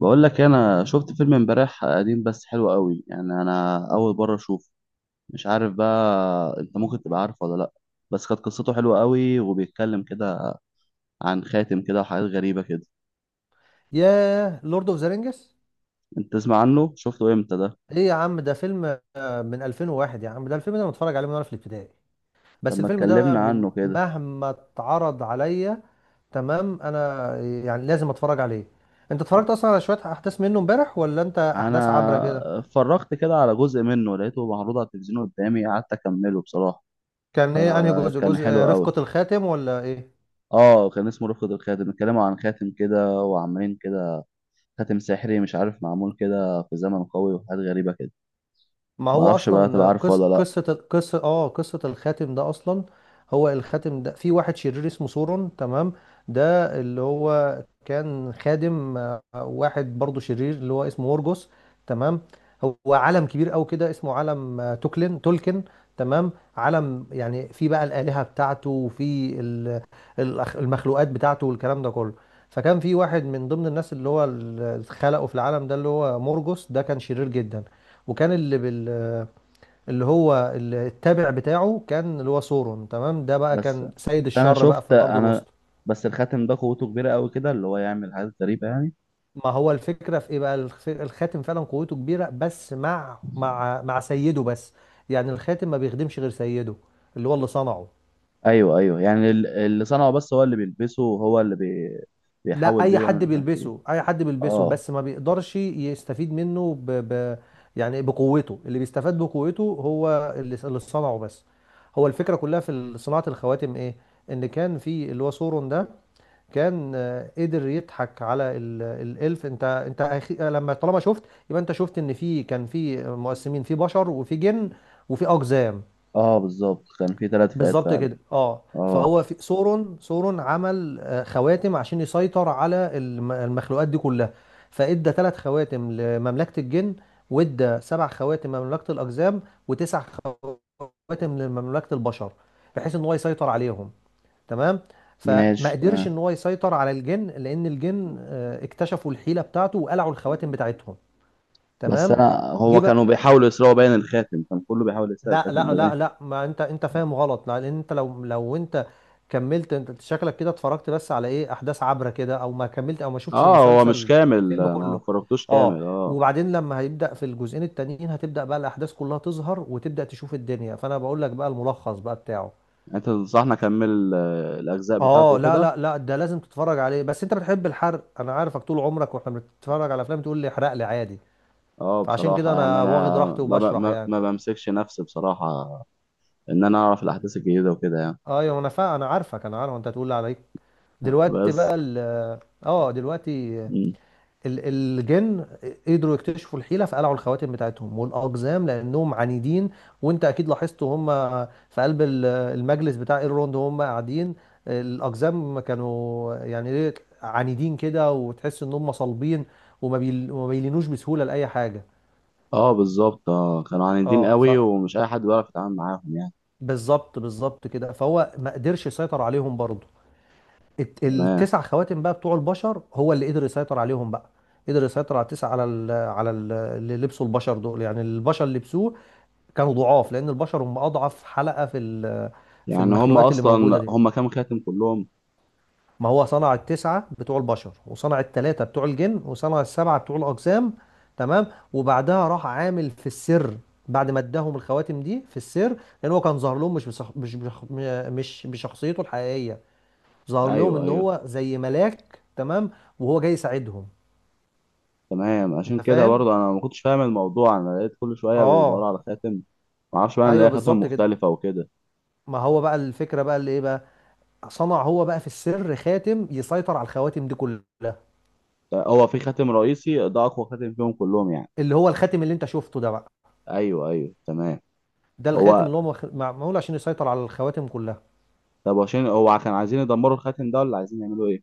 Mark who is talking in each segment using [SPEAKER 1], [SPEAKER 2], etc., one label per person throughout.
[SPEAKER 1] بقول لك إيه، انا شفت فيلم امبارح قديم بس حلو قوي، يعني انا اول مره اشوفه. مش عارف بقى انت ممكن تبقى عارفه ولا لا. بس كانت قصته حلوه قوي وبيتكلم كده عن خاتم كده وحاجات غريبه كده.
[SPEAKER 2] ياه! لورد اوف ذا رينجز.
[SPEAKER 1] انت تسمع عنه؟ شفته امتى ده؟
[SPEAKER 2] ايه يا عم، ده فيلم من 2001، يا عم. ده الفيلم ده انا متفرج عليه من وانا في الابتدائي. بس
[SPEAKER 1] لما
[SPEAKER 2] الفيلم ده
[SPEAKER 1] اتكلمنا
[SPEAKER 2] من
[SPEAKER 1] عنه كده،
[SPEAKER 2] مهما اتعرض عليا. تمام، انا يعني لازم اتفرج عليه. انت اتفرجت اصلا على شوية احداث منه امبارح ولا انت احداث عبرة كده؟
[SPEAKER 1] انا اتفرجت كده على جزء منه، لقيته معروض على التلفزيون قدامي قعدت اكمله بصراحه،
[SPEAKER 2] كان ايه انهي جزء؟
[SPEAKER 1] فكان حلو
[SPEAKER 2] رفقة
[SPEAKER 1] قوي.
[SPEAKER 2] الخاتم ولا ايه؟
[SPEAKER 1] اه كان اسمه رفقة الخاتم، اتكلموا عن خاتم كده وعمالين كده، خاتم سحري مش عارف معمول كده في زمن قوي وحاجات غريبة كده.
[SPEAKER 2] ما هو
[SPEAKER 1] معرفش بقى تبقى
[SPEAKER 2] اصلا
[SPEAKER 1] عارفه ولا لأ.
[SPEAKER 2] قصه. قصه الخاتم ده اصلا. هو الخاتم ده في واحد شرير اسمه سورون، تمام. ده اللي هو كان خادم واحد برضه شرير اللي هو اسمه مورجوس، تمام. هو عالم كبير قوي كده اسمه عالم آه، توكلن تولكن، تمام. عالم يعني في بقى الآلهة بتاعته وفي المخلوقات بتاعته والكلام ده كله. فكان في واحد من ضمن الناس اللي هو اللي خلقه في العالم ده اللي هو مورجوس ده، كان شرير جدا. وكان اللي بال اللي هو التابع بتاعه كان اللي هو سورون، تمام. ده بقى
[SPEAKER 1] بس
[SPEAKER 2] كان سيد
[SPEAKER 1] أنا
[SPEAKER 2] الشر بقى في
[SPEAKER 1] شفت
[SPEAKER 2] الارض
[SPEAKER 1] أنا
[SPEAKER 2] الوسطى.
[SPEAKER 1] بس الخاتم ده قوته كبيرة قوي كده، اللي هو يعمل حاجات غريبة يعني.
[SPEAKER 2] ما هو الفكره في ايه بقى؟ الخاتم فعلا قوته كبيره، بس مع سيده بس. يعني الخاتم ما بيخدمش غير سيده اللي هو اللي صنعه.
[SPEAKER 1] أيوه أيوه، يعني اللي صنعه بس هو اللي بيلبسه وهو
[SPEAKER 2] لا،
[SPEAKER 1] بيحاول
[SPEAKER 2] اي
[SPEAKER 1] بيه
[SPEAKER 2] حد
[SPEAKER 1] ويعمل حاجات إيه.
[SPEAKER 2] بيلبسه، اي حد بيلبسه،
[SPEAKER 1] أه.
[SPEAKER 2] بس ما بيقدرش يستفيد منه يعني بقوته. اللي بيستفاد بقوته هو اللي صنعه بس. هو الفكره كلها في صناعه الخواتم ايه؟ ان كان في اللي هو سورون ده كان قدر يضحك على الالف. انت انت أخي- آه، لما طالما شفت، يبقى انت شفت ان في كان في مقسمين، في بشر وفي جن وفي اقزام.
[SPEAKER 1] أه بالظبط، كان في تلات فئات
[SPEAKER 2] بالظبط
[SPEAKER 1] فعلا.
[SPEAKER 2] كده، اه.
[SPEAKER 1] أه،
[SPEAKER 2] فهو في سورون عمل خواتم عشان يسيطر على المخلوقات دي كلها. فادى 3 خواتم لمملكة الجن، وادى 7 خواتم لمملكة الاقزام، وتسع خواتم لمملكة البشر، بحيث ان هو يسيطر عليهم، تمام. فما
[SPEAKER 1] ماشي
[SPEAKER 2] قدرش
[SPEAKER 1] تمام.
[SPEAKER 2] ان هو يسيطر على الجن، لان الجن اكتشفوا الحيله بتاعته وقلعوا الخواتم بتاعتهم،
[SPEAKER 1] بس
[SPEAKER 2] تمام.
[SPEAKER 1] أنا
[SPEAKER 2] جه
[SPEAKER 1] هو
[SPEAKER 2] بقى.
[SPEAKER 1] كانوا بيحاولوا يسرقوا باين الخاتم، كان كله بيحاول يسرق
[SPEAKER 2] لا
[SPEAKER 1] الخاتم
[SPEAKER 2] لا
[SPEAKER 1] ده
[SPEAKER 2] لا
[SPEAKER 1] باين.
[SPEAKER 2] لا، ما انت فاهم غلط، لا، لان انت لو انت كملت. انت شكلك كده اتفرجت بس على ايه، احداث عبره كده، او ما كملت، او ما شفتش
[SPEAKER 1] أه هو مش
[SPEAKER 2] المسلسل
[SPEAKER 1] كامل،
[SPEAKER 2] الفيلم
[SPEAKER 1] ما
[SPEAKER 2] كله.
[SPEAKER 1] فرقتوش
[SPEAKER 2] اه،
[SPEAKER 1] كامل، أه.
[SPEAKER 2] وبعدين لما هيبدا في الجزئين التانيين هتبدا بقى الاحداث كلها تظهر وتبدا تشوف الدنيا. فانا بقول لك بقى الملخص بقى بتاعه.
[SPEAKER 1] انت تنصحني اكمل الاجزاء بتاعته
[SPEAKER 2] اه لا
[SPEAKER 1] وكده؟
[SPEAKER 2] لا لا، ده لازم تتفرج عليه. بس انت بتحب الحرق، انا عارفك طول عمرك واحنا بنتفرج على افلام تقول لي احرق لي عادي.
[SPEAKER 1] اه
[SPEAKER 2] فعشان كده
[SPEAKER 1] بصراحه، يعني
[SPEAKER 2] انا واخد
[SPEAKER 1] انا
[SPEAKER 2] راحتي
[SPEAKER 1] ما ب...
[SPEAKER 2] وبشرح
[SPEAKER 1] ما
[SPEAKER 2] يعني.
[SPEAKER 1] ما بمسكش نفسي بصراحه، ان انا اعرف الاحداث الجديده وكده يعني.
[SPEAKER 2] ايوه، انا عارف انت هتقول لي عليك. دلوقتي بقى
[SPEAKER 1] بس.
[SPEAKER 2] ال اه دلوقتي
[SPEAKER 1] مم.
[SPEAKER 2] الجن قدروا يكتشفوا الحيلة فقلعوا الخواتم بتاعتهم، والأقزام لأنهم عنيدين. وأنت أكيد لاحظت هم في قلب المجلس بتاع ايرلوند هم قاعدين. الأقزام كانوا يعني إيه، عنيدين كده وتحس إن هم صلبين، وما بيلينوش بسهولة لأي حاجة.
[SPEAKER 1] اه بالظبط، اه كانوا عاندين
[SPEAKER 2] اه ف
[SPEAKER 1] قوي ومش اي حد بيعرف يتعامل معاهم يعني.
[SPEAKER 2] بالظبط، كده. فهو ما قدرش يسيطر عليهم برضه.
[SPEAKER 1] تمام.
[SPEAKER 2] التسع خواتم بقى بتوع البشر هو اللي قدر يسيطر عليهم بقى. قدر يسيطر على التسع، على ال على ال اللي لبسوا، البشر دول. يعني البشر اللي لبسوه كانوا ضعاف، لان البشر هم اضعف حلقة في في
[SPEAKER 1] يعني هم
[SPEAKER 2] المخلوقات اللي موجودة
[SPEAKER 1] اصلا
[SPEAKER 2] دي.
[SPEAKER 1] هم كام خاتم كلهم؟
[SPEAKER 2] ما هو صنع التسعة بتوع البشر، وصنع التلاتة بتوع الجن، وصنع السبعة بتوع الأجسام، تمام. وبعدها راح عامل في السر، بعد ما اداهم الخواتم دي في السر، لان هو كان ظاهر لهم مش بصح... مش بش... مش بشخصيته الحقيقية. ظهر لهم
[SPEAKER 1] ايوه
[SPEAKER 2] ان
[SPEAKER 1] ايوه
[SPEAKER 2] هو زي ملاك، تمام، وهو جاي يساعدهم.
[SPEAKER 1] تمام. عشان
[SPEAKER 2] انت
[SPEAKER 1] كده
[SPEAKER 2] فاهم؟
[SPEAKER 1] برضه انا ما كنتش فاهم الموضوع، انا لقيت كل شويه بيدوروا
[SPEAKER 2] اه.
[SPEAKER 1] على خاتم، ما اعرفش بقى ان
[SPEAKER 2] ايوه،
[SPEAKER 1] ليها خاتم
[SPEAKER 2] بالظبط كده.
[SPEAKER 1] مختلفه وكده.
[SPEAKER 2] ما هو بقى الفكره بقى اللي ايه بقى، صنع هو بقى في السر خاتم يسيطر على الخواتم دي كلها.
[SPEAKER 1] هو في خاتم رئيسي ده اقوى خاتم فيهم كلهم يعني؟
[SPEAKER 2] اللي هو الخاتم اللي انت شفته ده بقى،
[SPEAKER 1] ايوه ايوه تمام.
[SPEAKER 2] ده الخاتم
[SPEAKER 1] هو
[SPEAKER 2] اللي هو معمول عشان يسيطر على الخواتم كلها.
[SPEAKER 1] طب عشان هو كان عايزين يدمروا الخاتم ده ولا عايزين يعملوا ايه؟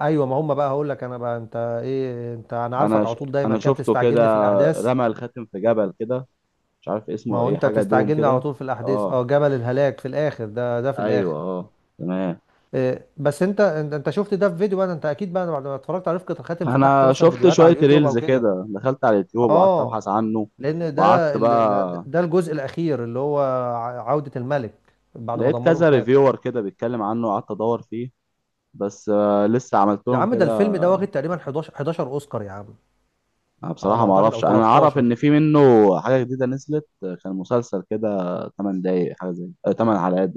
[SPEAKER 2] ايوه، ما هم بقى هقول لك انا بقى. انت ايه، انت، انا
[SPEAKER 1] انا
[SPEAKER 2] عارفك على
[SPEAKER 1] ش...
[SPEAKER 2] طول دايما
[SPEAKER 1] انا
[SPEAKER 2] كده
[SPEAKER 1] شفته كده،
[SPEAKER 2] بتستعجلني في الاحداث.
[SPEAKER 1] رمى الخاتم في جبل كده، مش عارف
[SPEAKER 2] ما
[SPEAKER 1] اسمه
[SPEAKER 2] هو
[SPEAKER 1] ايه،
[SPEAKER 2] انت
[SPEAKER 1] حاجه دوم
[SPEAKER 2] بتستعجلني على
[SPEAKER 1] كده.
[SPEAKER 2] طول في الاحداث.
[SPEAKER 1] اه
[SPEAKER 2] اه، جبل الهلاك في الاخر، ده في
[SPEAKER 1] ايوه
[SPEAKER 2] الاخر.
[SPEAKER 1] اه تمام.
[SPEAKER 2] إيه، بس انت انت أنت شفت ده في فيديو بقى، ده انت اكيد بقى بعد ما اتفرجت على رفقة الخاتم فتحت
[SPEAKER 1] انا
[SPEAKER 2] مثلا
[SPEAKER 1] شفت
[SPEAKER 2] فيديوهات على
[SPEAKER 1] شويه
[SPEAKER 2] اليوتيوب او
[SPEAKER 1] ريلز
[SPEAKER 2] كده.
[SPEAKER 1] كده، دخلت على اليوتيوب وقعدت
[SPEAKER 2] اه،
[SPEAKER 1] ابحث عنه
[SPEAKER 2] لان
[SPEAKER 1] وقعدت
[SPEAKER 2] ده
[SPEAKER 1] بقى،
[SPEAKER 2] ده الجزء الاخير اللي هو عودة الملك بعد ما
[SPEAKER 1] لقيت
[SPEAKER 2] دمروا
[SPEAKER 1] كذا
[SPEAKER 2] الخاتم.
[SPEAKER 1] ريفيور كده بيتكلم عنه وقعدت ادور فيه بس لسه عملت
[SPEAKER 2] يا
[SPEAKER 1] لهم
[SPEAKER 2] عم ده
[SPEAKER 1] كده.
[SPEAKER 2] الفيلم ده واخد تقريبا 11 اوسكار يا عم،
[SPEAKER 1] أنا
[SPEAKER 2] على ما
[SPEAKER 1] بصراحه ما
[SPEAKER 2] اعتقد، او
[SPEAKER 1] اعرفش، انا اعرف
[SPEAKER 2] 13.
[SPEAKER 1] ان في منه حاجه جديده نزلت، كان مسلسل كده 8 دقايق، حاجه زي 8 حلقات.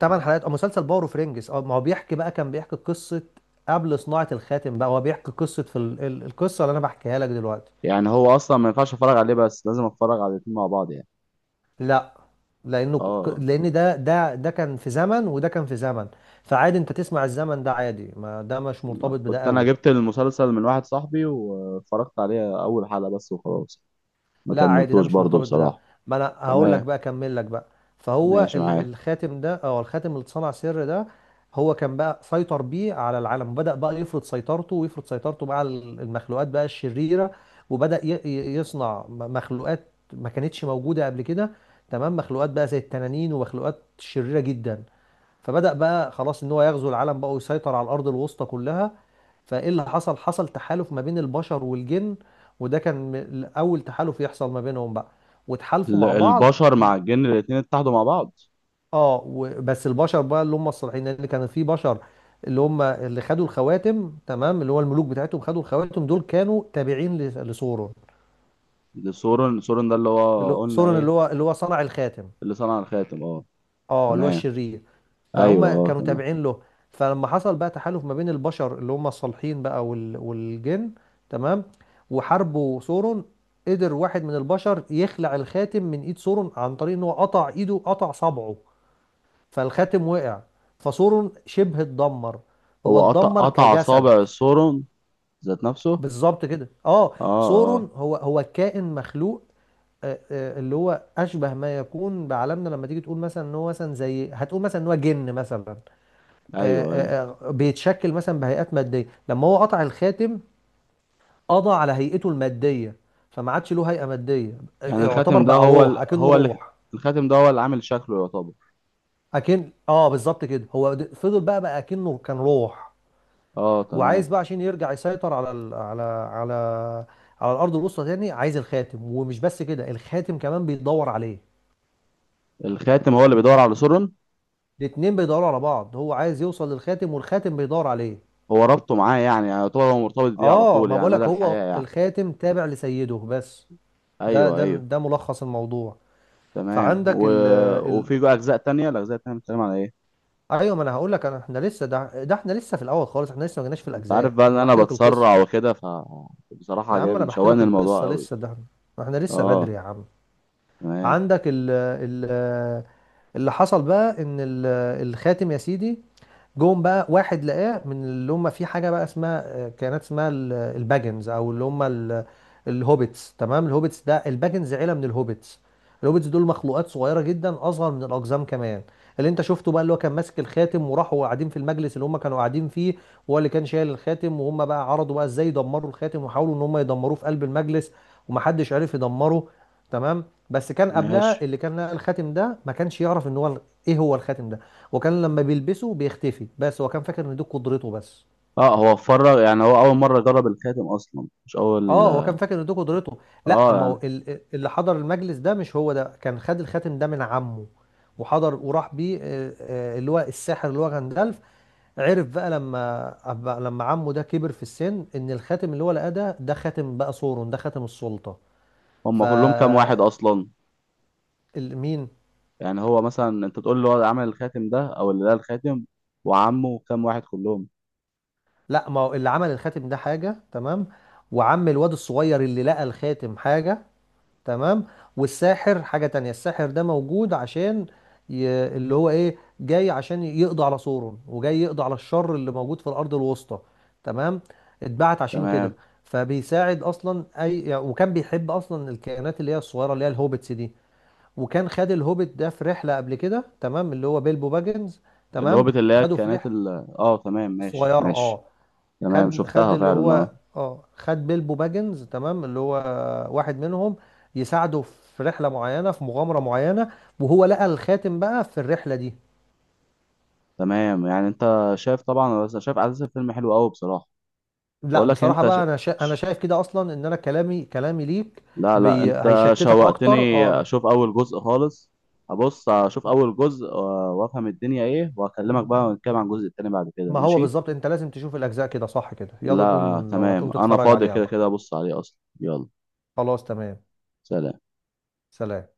[SPEAKER 2] 8 حلقات او مسلسل باور اوف رينجز. اه، ما هو بيحكي بقى، كان بيحكي قصة قبل صناعة الخاتم بقى. هو بيحكي قصة في القصة اللي انا بحكيها لك دلوقتي.
[SPEAKER 1] يعني هو اصلا ما ينفعش اتفرج عليه بس لازم اتفرج على الاتنين مع بعض يعني؟
[SPEAKER 2] لا،
[SPEAKER 1] اه
[SPEAKER 2] لان ده كان في زمن، وده كان في زمن. فعادي انت تسمع الزمن ده عادي، ما ده مش
[SPEAKER 1] لا،
[SPEAKER 2] مرتبط بده
[SPEAKER 1] كنت انا
[SPEAKER 2] قوي.
[SPEAKER 1] جبت المسلسل من واحد صاحبي واتفرجت عليه اول حلقة بس وخلاص، ما
[SPEAKER 2] لا عادي، ده
[SPEAKER 1] كملتوش
[SPEAKER 2] مش
[SPEAKER 1] برضه
[SPEAKER 2] مرتبط بده.
[SPEAKER 1] بصراحة.
[SPEAKER 2] ما انا هقول لك
[SPEAKER 1] تمام
[SPEAKER 2] بقى، اكمل لك بقى. فهو
[SPEAKER 1] ماشي معاك.
[SPEAKER 2] الخاتم ده، او الخاتم اللي اتصنع سر ده، هو كان بقى سيطر بيه على العالم، وبدأ بقى يفرض سيطرته، ويفرض سيطرته بقى على المخلوقات بقى الشريرة. وبدأ يصنع مخلوقات ما كانتش موجودة قبل كده، تمام. مخلوقات بقى زي التنانين ومخلوقات شريرة جدا. فبدأ بقى خلاص ان هو يغزو العالم بقى، ويسيطر على الارض الوسطى كلها. فايه اللي حصل؟ حصل تحالف ما بين البشر والجن، وده كان اول تحالف يحصل ما بينهم بقى. وتحالفوا مع بعض
[SPEAKER 1] البشر مع الجن الاتنين اتحدوا مع بعض؟
[SPEAKER 2] بس البشر بقى اللي هم الصالحين، لان كان في بشر اللي هم اللي خدوا الخواتم، تمام. اللي هو الملوك بتاعتهم خدوا الخواتم، دول كانوا تابعين لسورون.
[SPEAKER 1] ده سورن ده اللي هو قلنا
[SPEAKER 2] سورون
[SPEAKER 1] ايه؟
[SPEAKER 2] اللي هو صنع الخاتم.
[SPEAKER 1] اللي صنع الخاتم، اه.
[SPEAKER 2] اه، اللي هو
[SPEAKER 1] تمام.
[SPEAKER 2] الشرير.
[SPEAKER 1] ايوه
[SPEAKER 2] فهم
[SPEAKER 1] اه
[SPEAKER 2] كانوا
[SPEAKER 1] تمام.
[SPEAKER 2] تابعين له. فلما حصل بقى تحالف ما بين البشر اللي هم الصالحين بقى والجن، تمام. وحاربوا سورون. قدر واحد من البشر يخلع الخاتم من ايد سورون، عن طريق ان هو قطع ايده، قطع صبعه، فالخاتم وقع، فسورون شبه اتدمر. هو
[SPEAKER 1] هو قطع
[SPEAKER 2] اتدمر كجسد.
[SPEAKER 1] اصابع سورن ذات نفسه؟
[SPEAKER 2] بالظبط كده، اه.
[SPEAKER 1] اه. اه
[SPEAKER 2] سورون هو كائن مخلوق. اللي هو اشبه ما يكون بعالمنا، لما تيجي تقول مثلا ان هو مثلا، زي هتقول مثلا ان هو جن مثلا. آه،
[SPEAKER 1] ايوه ايوه،
[SPEAKER 2] بيتشكل مثلا بهيئات ماديه. لما هو قطع الخاتم، قضى على هيئته الماديه، فما عادش له هيئه ماديه.
[SPEAKER 1] يعني
[SPEAKER 2] يعتبر
[SPEAKER 1] الخاتم ده
[SPEAKER 2] بقى
[SPEAKER 1] هو
[SPEAKER 2] روح،
[SPEAKER 1] ال...
[SPEAKER 2] اكنه
[SPEAKER 1] هو اللي
[SPEAKER 2] روح.
[SPEAKER 1] الخاتم ده هو اللي عامل شكله يعتبر؟
[SPEAKER 2] اكن اه، بالظبط كده. هو فضل بقى اكنه كان روح،
[SPEAKER 1] اه
[SPEAKER 2] وعايز
[SPEAKER 1] تمام.
[SPEAKER 2] بقى عشان يرجع يسيطر على ال... على على على الارض الوسطى تاني. عايز الخاتم، ومش بس كده، الخاتم كمان بيدور عليه.
[SPEAKER 1] الخاتم هو اللي بيدور على سورن؟
[SPEAKER 2] الاتنين بيدوروا على بعض، هو عايز يوصل للخاتم والخاتم بيدور عليه.
[SPEAKER 1] هو ربطه معاه يعني، يعني يعتبر هو مرتبط بيه على
[SPEAKER 2] اه،
[SPEAKER 1] طول
[SPEAKER 2] ما
[SPEAKER 1] يعني مدى
[SPEAKER 2] بقولك، هو
[SPEAKER 1] الحياة يعني.
[SPEAKER 2] الخاتم تابع لسيده بس.
[SPEAKER 1] ايوه ايوه
[SPEAKER 2] ده ملخص الموضوع.
[SPEAKER 1] تمام
[SPEAKER 2] فعندك
[SPEAKER 1] و...
[SPEAKER 2] ال ال
[SPEAKER 1] وفي جوا اجزاء تانية، الاجزاء التانية بتتكلم على ايه؟
[SPEAKER 2] ايوه، ما انا هقول لك انا، احنا لسه، ده احنا لسه في الاول خالص. احنا لسه ما جيناش في
[SPEAKER 1] انت
[SPEAKER 2] الاجزاء
[SPEAKER 1] عارف بقى
[SPEAKER 2] ده،
[SPEAKER 1] ان
[SPEAKER 2] انا
[SPEAKER 1] انا
[SPEAKER 2] بحكي لك القصه.
[SPEAKER 1] بتسرع وكده، فبصراحة
[SPEAKER 2] يا عم، انا
[SPEAKER 1] عجبني،
[SPEAKER 2] بحكي
[SPEAKER 1] شوقني
[SPEAKER 2] لك
[SPEAKER 1] الموضوع
[SPEAKER 2] القصه
[SPEAKER 1] قوي.
[SPEAKER 2] لسه ده، احنا لسه بدري
[SPEAKER 1] اه
[SPEAKER 2] يا عم.
[SPEAKER 1] تمام
[SPEAKER 2] عندك ال ال اللي حصل بقى ان الخاتم، يا سيدي، جم بقى واحد لقاه من اللي هم في حاجه بقى اسمها الباجنز، او اللي هم الهوبيتس، تمام. الهوبيتس ده الباجنز عيله من الهوبيتس. الهوبيتس دول مخلوقات صغيره جدا، اصغر من الاقزام كمان. اللي انت شفته بقى، اللي هو كان ماسك الخاتم وراحوا قاعدين في المجلس اللي هم كانوا قاعدين فيه، وهو اللي كان شايل الخاتم. وهم بقى عرضوا بقى ازاي يدمروا الخاتم، وحاولوا ان هم يدمروه في قلب المجلس، ومحدش عرف يدمره، تمام. بس كان
[SPEAKER 1] ماشي.
[SPEAKER 2] قبلها اللي كان لقى الخاتم ده ما كانش يعرف ان هو ايه هو الخاتم ده. وكان لما بيلبسه بيختفي، بس هو كان فاكر ان دي قدرته بس.
[SPEAKER 1] اه هو اتفرج يعني، هو اول مرة جرب الخاتم اصلا، مش اول.
[SPEAKER 2] اه، هو كان فاكر ان دي قدرته. لا،
[SPEAKER 1] اه
[SPEAKER 2] ما هو
[SPEAKER 1] يعني
[SPEAKER 2] اللي حضر المجلس ده مش هو، ده كان خد الخاتم ده من عمه، وحضر وراح بيه اللي هو الساحر اللي هو غندالف. عرف بقى، لما لما عمه ده كبر في السن، ان الخاتم اللي هو لقاه ده، ده خاتم بقى سورون، ده خاتم السلطة. ف
[SPEAKER 1] هم كلهم كام واحد اصلا؟
[SPEAKER 2] مين؟
[SPEAKER 1] يعني هو مثلا انت تقول له هو عمل الخاتم ده او اللي ده الخاتم، وعمه كام واحد كلهم؟
[SPEAKER 2] لا، ما هو اللي عمل الخاتم ده حاجة، تمام. وعم الواد الصغير اللي لقى الخاتم حاجة، تمام. والساحر حاجة تانية. الساحر ده موجود عشان اللي هو ايه، جاي عشان يقضي على سورون، وجاي يقضي على الشر اللي موجود في الأرض الوسطى، تمام. اتبعت عشان كده.
[SPEAKER 1] تمام.
[SPEAKER 2] فبيساعد اصلا اي يعني، وكان بيحب اصلا الكائنات اللي هي الصغيره، اللي هي الهوبتس دي. وكان خد الهوبت ده في رحله قبل كده، تمام، اللي هو بيلبو باجنز، تمام،
[SPEAKER 1] الهوبت اللي هي
[SPEAKER 2] خده في
[SPEAKER 1] كانت
[SPEAKER 2] رحله
[SPEAKER 1] ال...، اه تمام ماشي
[SPEAKER 2] صغيره، اه.
[SPEAKER 1] ماشي. تمام
[SPEAKER 2] خد خد
[SPEAKER 1] شفتها
[SPEAKER 2] اللي
[SPEAKER 1] فعلا،
[SPEAKER 2] هو
[SPEAKER 1] اه.
[SPEAKER 2] اه خد بيلبو باجنز، تمام، اللي هو واحد منهم، يساعده في رحلة معينة، في مغامرة معينة. وهو لقى الخاتم بقى في الرحلة دي.
[SPEAKER 1] تمام يعني انت شايف طبعا، بس شايف على اساس الفيلم حلو قوي بصراحه.
[SPEAKER 2] لا،
[SPEAKER 1] بقول لك
[SPEAKER 2] بصراحة
[SPEAKER 1] انت ش...
[SPEAKER 2] بقى، انا انا
[SPEAKER 1] ش-
[SPEAKER 2] شايف كده اصلا ان انا كلامي، كلامي ليك
[SPEAKER 1] لا لا، انت
[SPEAKER 2] هيشتتك اكتر.
[SPEAKER 1] شوقتني اشوف اول جزء خالص، هبص اشوف اول جزء وافهم الدنيا ايه واكلمك بقى، ونتكلم عن الجزء التاني بعد كده،
[SPEAKER 2] ما هو
[SPEAKER 1] ماشي.
[SPEAKER 2] بالظبط انت لازم تشوف الاجزاء كده، صح كده. يلا
[SPEAKER 1] لا
[SPEAKER 2] نقوم، لو هتقوم
[SPEAKER 1] تمام انا
[SPEAKER 2] تتفرج
[SPEAKER 1] فاضي
[SPEAKER 2] عليها
[SPEAKER 1] كده
[SPEAKER 2] بقى.
[SPEAKER 1] كده، ابص عليه اصلا، يلا.
[SPEAKER 2] خلاص تمام.
[SPEAKER 1] سلام.
[SPEAKER 2] سلام.